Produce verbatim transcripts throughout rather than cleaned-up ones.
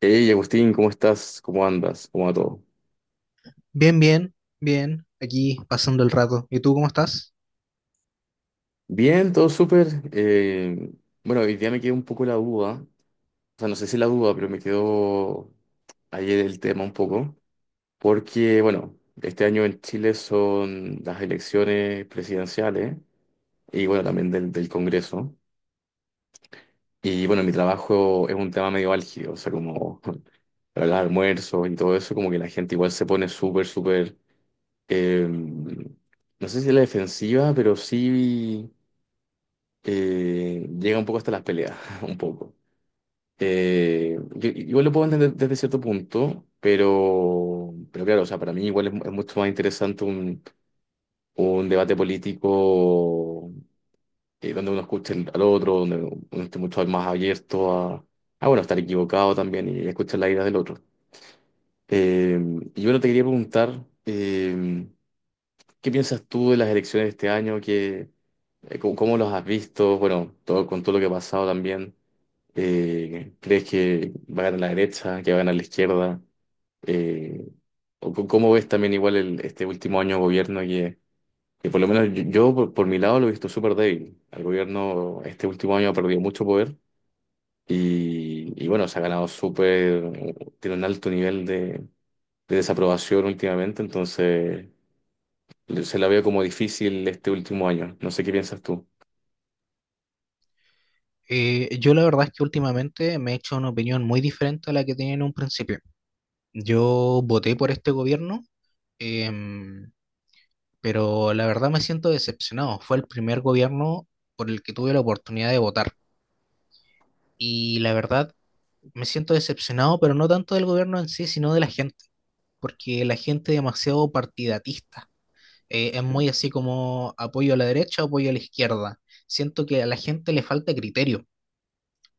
Hey Agustín, ¿cómo estás? ¿Cómo andas? ¿Cómo va todo? Bien, bien, bien, aquí pasando el rato. ¿Y tú cómo estás? Bien, todo súper. Eh, bueno, hoy día me quedó un poco la duda, o sea, no sé si la duda, pero me quedó ayer el tema un poco, porque bueno, este año en Chile son las elecciones presidenciales y bueno, también del, del Congreso. Y bueno, mi trabajo es un tema medio álgido, o sea, como para los almuerzos y todo eso, como que la gente igual se pone súper, súper, em, no sé si a la defensiva, pero sí eh, llega un poco hasta las peleas, un poco. Eh, yo igual lo puedo entender desde cierto punto, pero, pero claro, o sea, para mí igual es, mu- es mucho más interesante un, un debate político eh, donde uno escuche el- al otro, donde uno esté mucho más abierto a, a, bueno, estar equivocado también y escuchar la idea del otro. Eh, y bueno, te quería preguntar, eh, ¿qué piensas tú de las elecciones de este año? ¿Qué, eh, cómo, cómo los has visto? Bueno, todo, con todo lo que ha pasado también. Eh, ¿crees que va a ganar la derecha, que va a ganar la izquierda? Eh, o c- ¿Cómo ves también igual el- este último año de gobierno que, que por lo menos yo, yo por, por mi lado lo he visto súper débil? El gobierno este último año ha perdido mucho poder y, y bueno, se ha ganado súper, tiene un alto nivel de, de desaprobación últimamente, entonces le- se la veo como difícil este último año. No sé qué piensas tú. Eh, yo la verdad es que últimamente me he hecho una opinión muy diferente a la que tenía en un principio. Yo voté por este gobierno, em, pero la verdad me siento decepcionado. Fue el primer gobierno por el que tuve la oportunidad de votar. Y la verdad me siento decepcionado, pero no tanto del gobierno en sí, sino de la gente, porque la gente es demasiado partidatista. Eh, es muy así como apoyo a la derecha, apoyo a la izquierda. Siento que a la gente le falta criterio.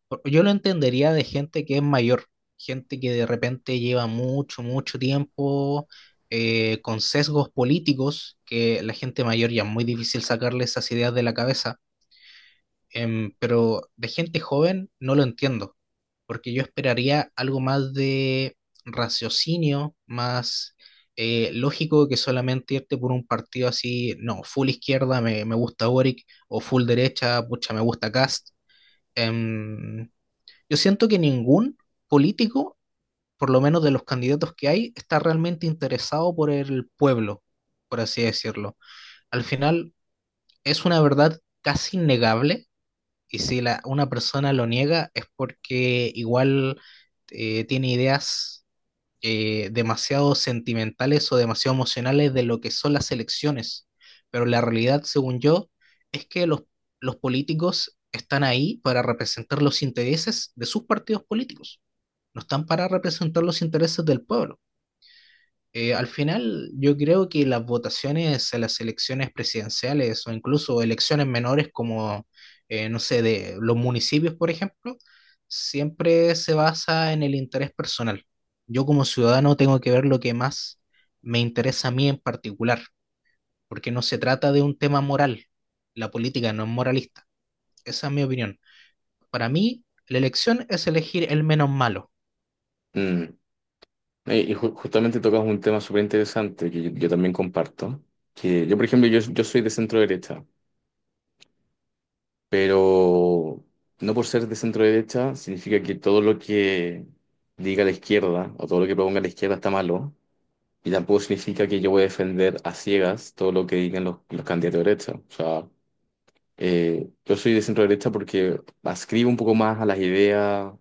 Por- Yo lo entendería de gente que es mayor, gente que de repente lleva mucho, mucho tiempo eh, con sesgos políticos, que la gente mayor ya es muy difícil sacarle esas ideas de la cabeza. Em, pero de gente joven no lo entiendo, porque yo esperaría algo más de raciocinio, más eh, lógico, que solamente irte por un partido así, no, full izquierda me, me gusta Boric, o full derecha, pucha, me gusta Cast. Em, yo siento que ningún político, por lo menos de los candidatos que hay, está realmente interesado por el pueblo, por así decirlo. Al final es una verdad casi innegable, y si la, una persona lo niega es porque igual eh, tiene ideas eh, demasiado sentimentales o demasiado emocionales de lo que son las elecciones. Pero la realidad, según yo, es que los, los políticos están ahí para representar los intereses de sus partidos políticos. No están para representar los intereses del pueblo. Eh, al final, yo creo que las votaciones a las elecciones presidenciales, o incluso elecciones menores como, eh, no sé, de los municipios, por ejemplo, siempre se basa en el interés personal. Yo como ciudadano tengo que ver lo que más me interesa a mí en particular, porque no se trata de un tema moral. La política no es moralista. Esa es mi opinión. Para mí, la elección es elegir el menos malo. Mm. Eh, Y ju- justamente tocas un tema súper interesante que yo, yo también comparto. Que yo, por ejemplo, yo, yo soy de centro derecha, pero no por ser de centro derecha significa que todo lo que diga la izquierda o todo lo que proponga la izquierda está malo. Y tampoco significa que yo voy a defender a ciegas todo lo que digan los, los candidatos de derecha. O sea, eh, yo soy de centro derecha porque ascribo un poco más a las ideas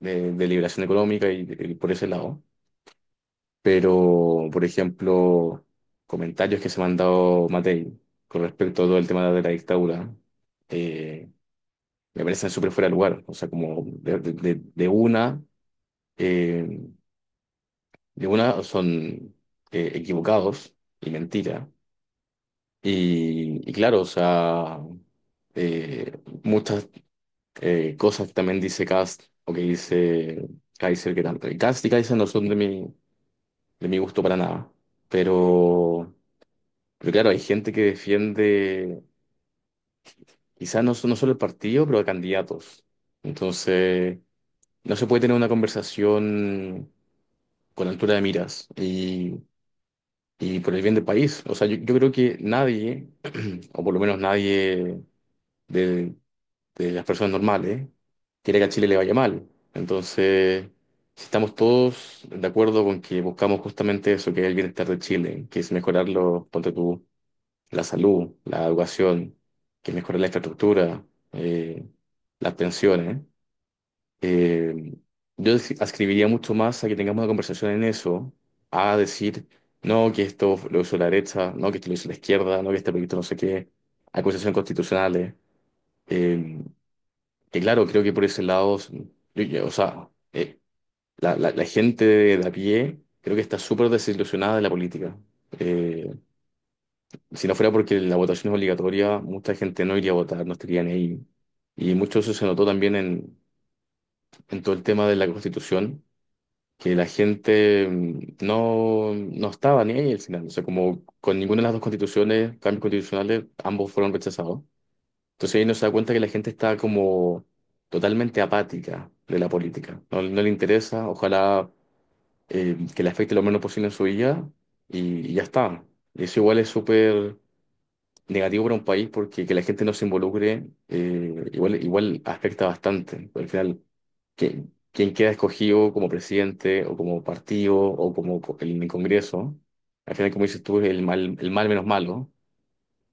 de, de liberación económica y y por ese lado. Pero por ejemplo, comentarios que se me han dado Matei con respecto a todo el tema de la dictadura, eh, me parecen súper fuera de lugar, o sea, como de, de- de- de una, eh, de una son eh, equivocados y mentira, y, y claro, o sea, eh, muchas eh, cosas también dice Kast o que dice Kaiser, que tanto, Kast y Kaiser no son de mi, de mi gusto para nada, pero... Pero claro, hay gente que defiende, quizás no, so- no solo el partido, pero a candidatos. Entonces, no se puede tener una conversación con altura de miras y, y por el bien del país. O sea, yo, yo creo que nadie, o por lo menos nadie de, de las personas normales, quiere que a Chile le vaya mal. Entonces, si estamos todos de acuerdo con que buscamos justamente eso, que es el bienestar de Chile, que es mejorarlo, ponte tú la salud, la educación, que mejore la infraestructura, eh, las pensiones. Eh, Em, yo as- ascribiría mucho más a que tengamos una conversación en eso, a decir, no, que esto lo hizo la derecha, no, que esto lo hizo la izquierda, no, que este proyecto no sé qué, acusaciones constitucionales. Eh, que claro, creo que por ese lado, yo- yo- o sea, eh, la, la- la gente de, a pie creo que está súper desilusionada de la política. Eh, si no fuera porque la votación es obligatoria, mucha gente no iría a votar, no estarían ahí. Y mucho eso se notó también en, en todo el tema de la Constitución, que la gente mm, no, no estaba ni ahí al final. O sea, como con ninguna de las dos constituciones, cambios constitucionales, ambos fueron rechazados. Entonces ahí uno se da cuenta que la gente está como totalmente apática de la política. No, no le interesa, ojalá eh, que le afecte lo menos posible en su vida y, y ya está. Y eso igual es súper negativo para un país porque que la gente no se involucre eh, igual, igual afecta bastante. Al final, que, quien queda escogido como presidente o como partido o como co- en el Congreso, al final, como dices tú, es el mal, el mal menos malo.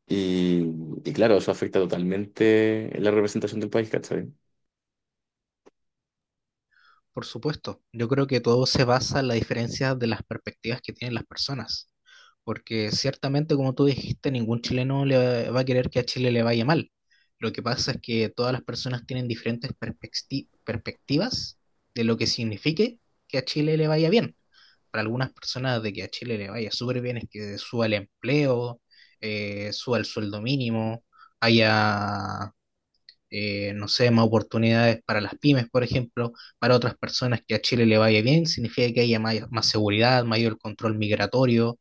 Y, y claro, eso afecta totalmente la representación del país, ¿cachai? Por supuesto, yo creo que todo se basa en la diferencia de las perspectivas que tienen las personas, porque ciertamente, como tú dijiste, ningún chileno le va a querer que a Chile le vaya mal. Lo que pasa es que todas las personas tienen diferentes perspecti- perspectivas de lo que signifique que a Chile le vaya bien. Para algunas personas, de que a Chile le vaya súper bien es que suba el empleo, eh, suba el sueldo mínimo, haya eh, no sé, más oportunidades para las pymes, por ejemplo. Para otras personas, que a Chile le vaya bien significa que haya may- más seguridad, mayor control migratorio,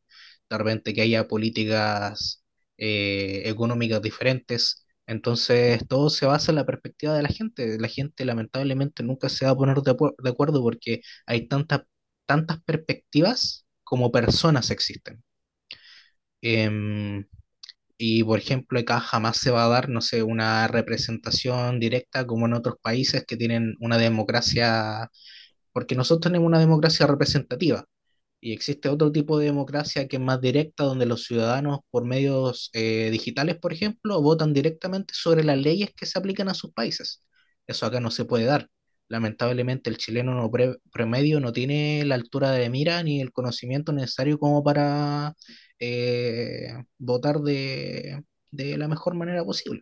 de repente que haya políticas eh, económicas diferentes. Entonces, todo se basa en la perspectiva de la gente. La gente lamentablemente nunca se va a poner de, acuer- de acuerdo, porque hay tantas tantas perspectivas como personas existen. Em, y por ejemplo, acá jamás se va a dar, no sé, una representación directa como en otros países que tienen una democracia, porque nosotros tenemos una democracia representativa, y existe otro tipo de democracia que es más directa, donde los ciudadanos, por medios eh, digitales, por ejemplo, votan directamente sobre las leyes que se aplican a sus países. Eso acá no se puede dar. Lamentablemente, el chileno no pre- promedio no tiene la altura de mira ni el conocimiento necesario como para eh, votar de, de la mejor manera posible.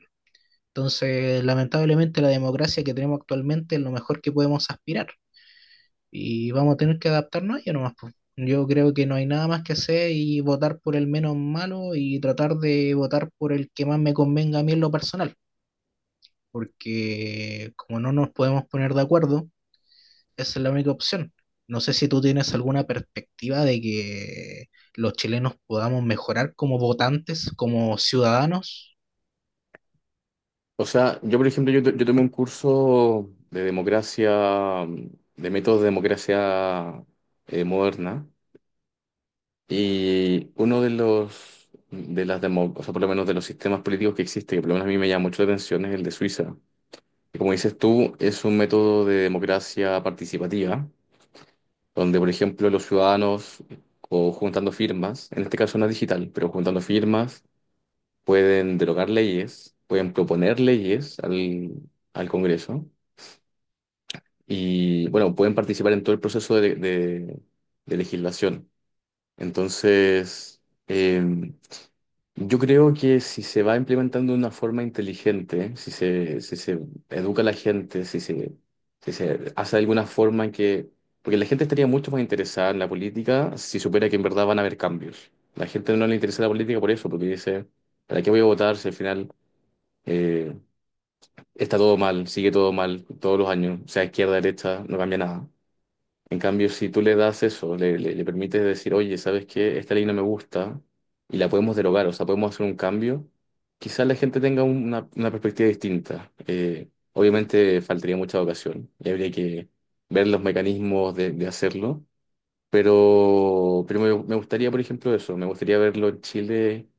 Entonces, lamentablemente, la democracia que tenemos actualmente es lo mejor que podemos aspirar, y vamos a tener que adaptarnos a ello nomás, po. Yo creo que no hay nada más que hacer, y votar por el menos malo y tratar de votar por el que más me convenga a mí en lo personal, porque como no nos podemos poner de acuerdo, esa es la única opción. No sé si tú tienes alguna perspectiva de que los chilenos podamos mejorar como votantes, como ciudadanos. O sea, yo, por ejemplo, yo, to- yo tomé un curso de democracia, de métodos de democracia eh, moderna. Y uno de los, de las demo- o sea, por lo menos de los sistemas políticos que existe, que por lo menos a mí me llama mucho la atención, es el de Suiza. Que como dices tú, es un método de democracia participativa, donde, por ejemplo, los ciudadanos, o juntando firmas, en este caso no es digital, pero juntando firmas, pueden derogar leyes, pueden proponer leyes al, al Congreso y, bueno, pueden participar en todo el proceso de, de de legislación. Entonces, em, yo creo que si se va implementando de una forma inteligente, si se, si se educa a la gente, si se, si se hace de alguna forma en que... Porque la gente estaría mucho más interesada en la política si supiera que en verdad van a haber cambios. La gente no le interesa la política por eso, porque dice, ¿para qué voy a votar si al final eh, está todo mal, sigue todo mal todos los años, sea izquierda, derecha, no cambia nada? En cambio, si tú le das eso, le, le, le permites decir, oye, ¿sabes qué? Esta ley no me gusta y la podemos derogar, o sea, podemos hacer un cambio, quizás la gente tenga un- una, una perspectiva distinta. Eh, obviamente faltaría mucha ocasión y habría que ver los mecanismos de, de hacerlo, pero, pero me, me gustaría, por ejemplo, eso, me gustaría verlo en Chile,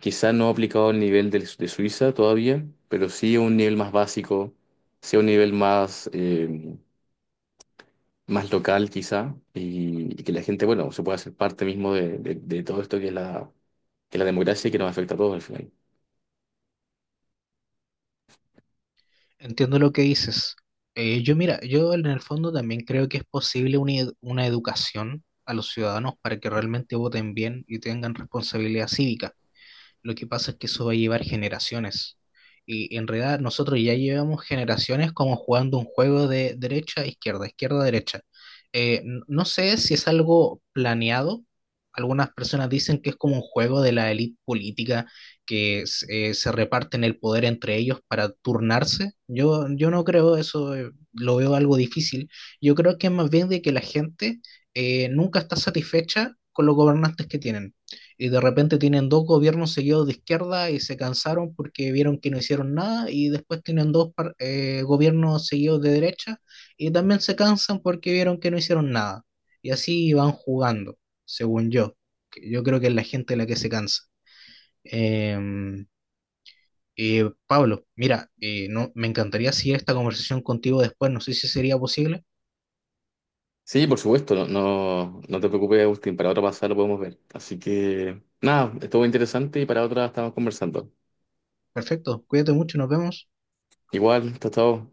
quizás no aplicado al nivel del- de, Suiza todavía, pero sí a un nivel más básico, sí a un nivel más... eh, más local quizá y, y que la gente, bueno, se pueda hacer parte mismo de, de- de todo esto que es la, que es la democracia y que nos afecta a todos al final. Entiendo lo que dices. Eh, yo mira, yo en el fondo también creo que es posible una, ed- una educación a los ciudadanos para que realmente voten bien y tengan responsabilidad cívica. Lo que pasa es que eso va a llevar generaciones. Y en realidad nosotros ya llevamos generaciones como jugando un juego de derecha, izquierda, izquierda, derecha. Eh, n- no sé si es algo planeado. Algunas personas dicen que es como un juego de la élite política que s- eh, se reparten el poder entre ellos para turnarse. Yo, yo no creo eso, eh, lo veo algo difícil. Yo creo que es más bien de que la gente eh, nunca está satisfecha con los gobernantes que tienen. Y de repente tienen dos gobiernos seguidos de izquierda y se cansaron porque vieron que no hicieron nada, y después tienen dos par- eh, gobiernos seguidos de derecha y también se cansan porque vieron que no hicieron nada. Y así van jugando, según yo. Que Yo creo que es la gente la que se cansa. Em, y Pablo, mira, eh, no, me encantaría seguir esta conversación contigo después, no sé si sería posible. Sí, por supuesto, no, no, no te preocupes, Agustín, para otra pasada lo podemos ver. Así que nada, estuvo interesante y para otra estamos conversando. Perfecto, cuídate mucho, nos vemos. Igual, hasta luego.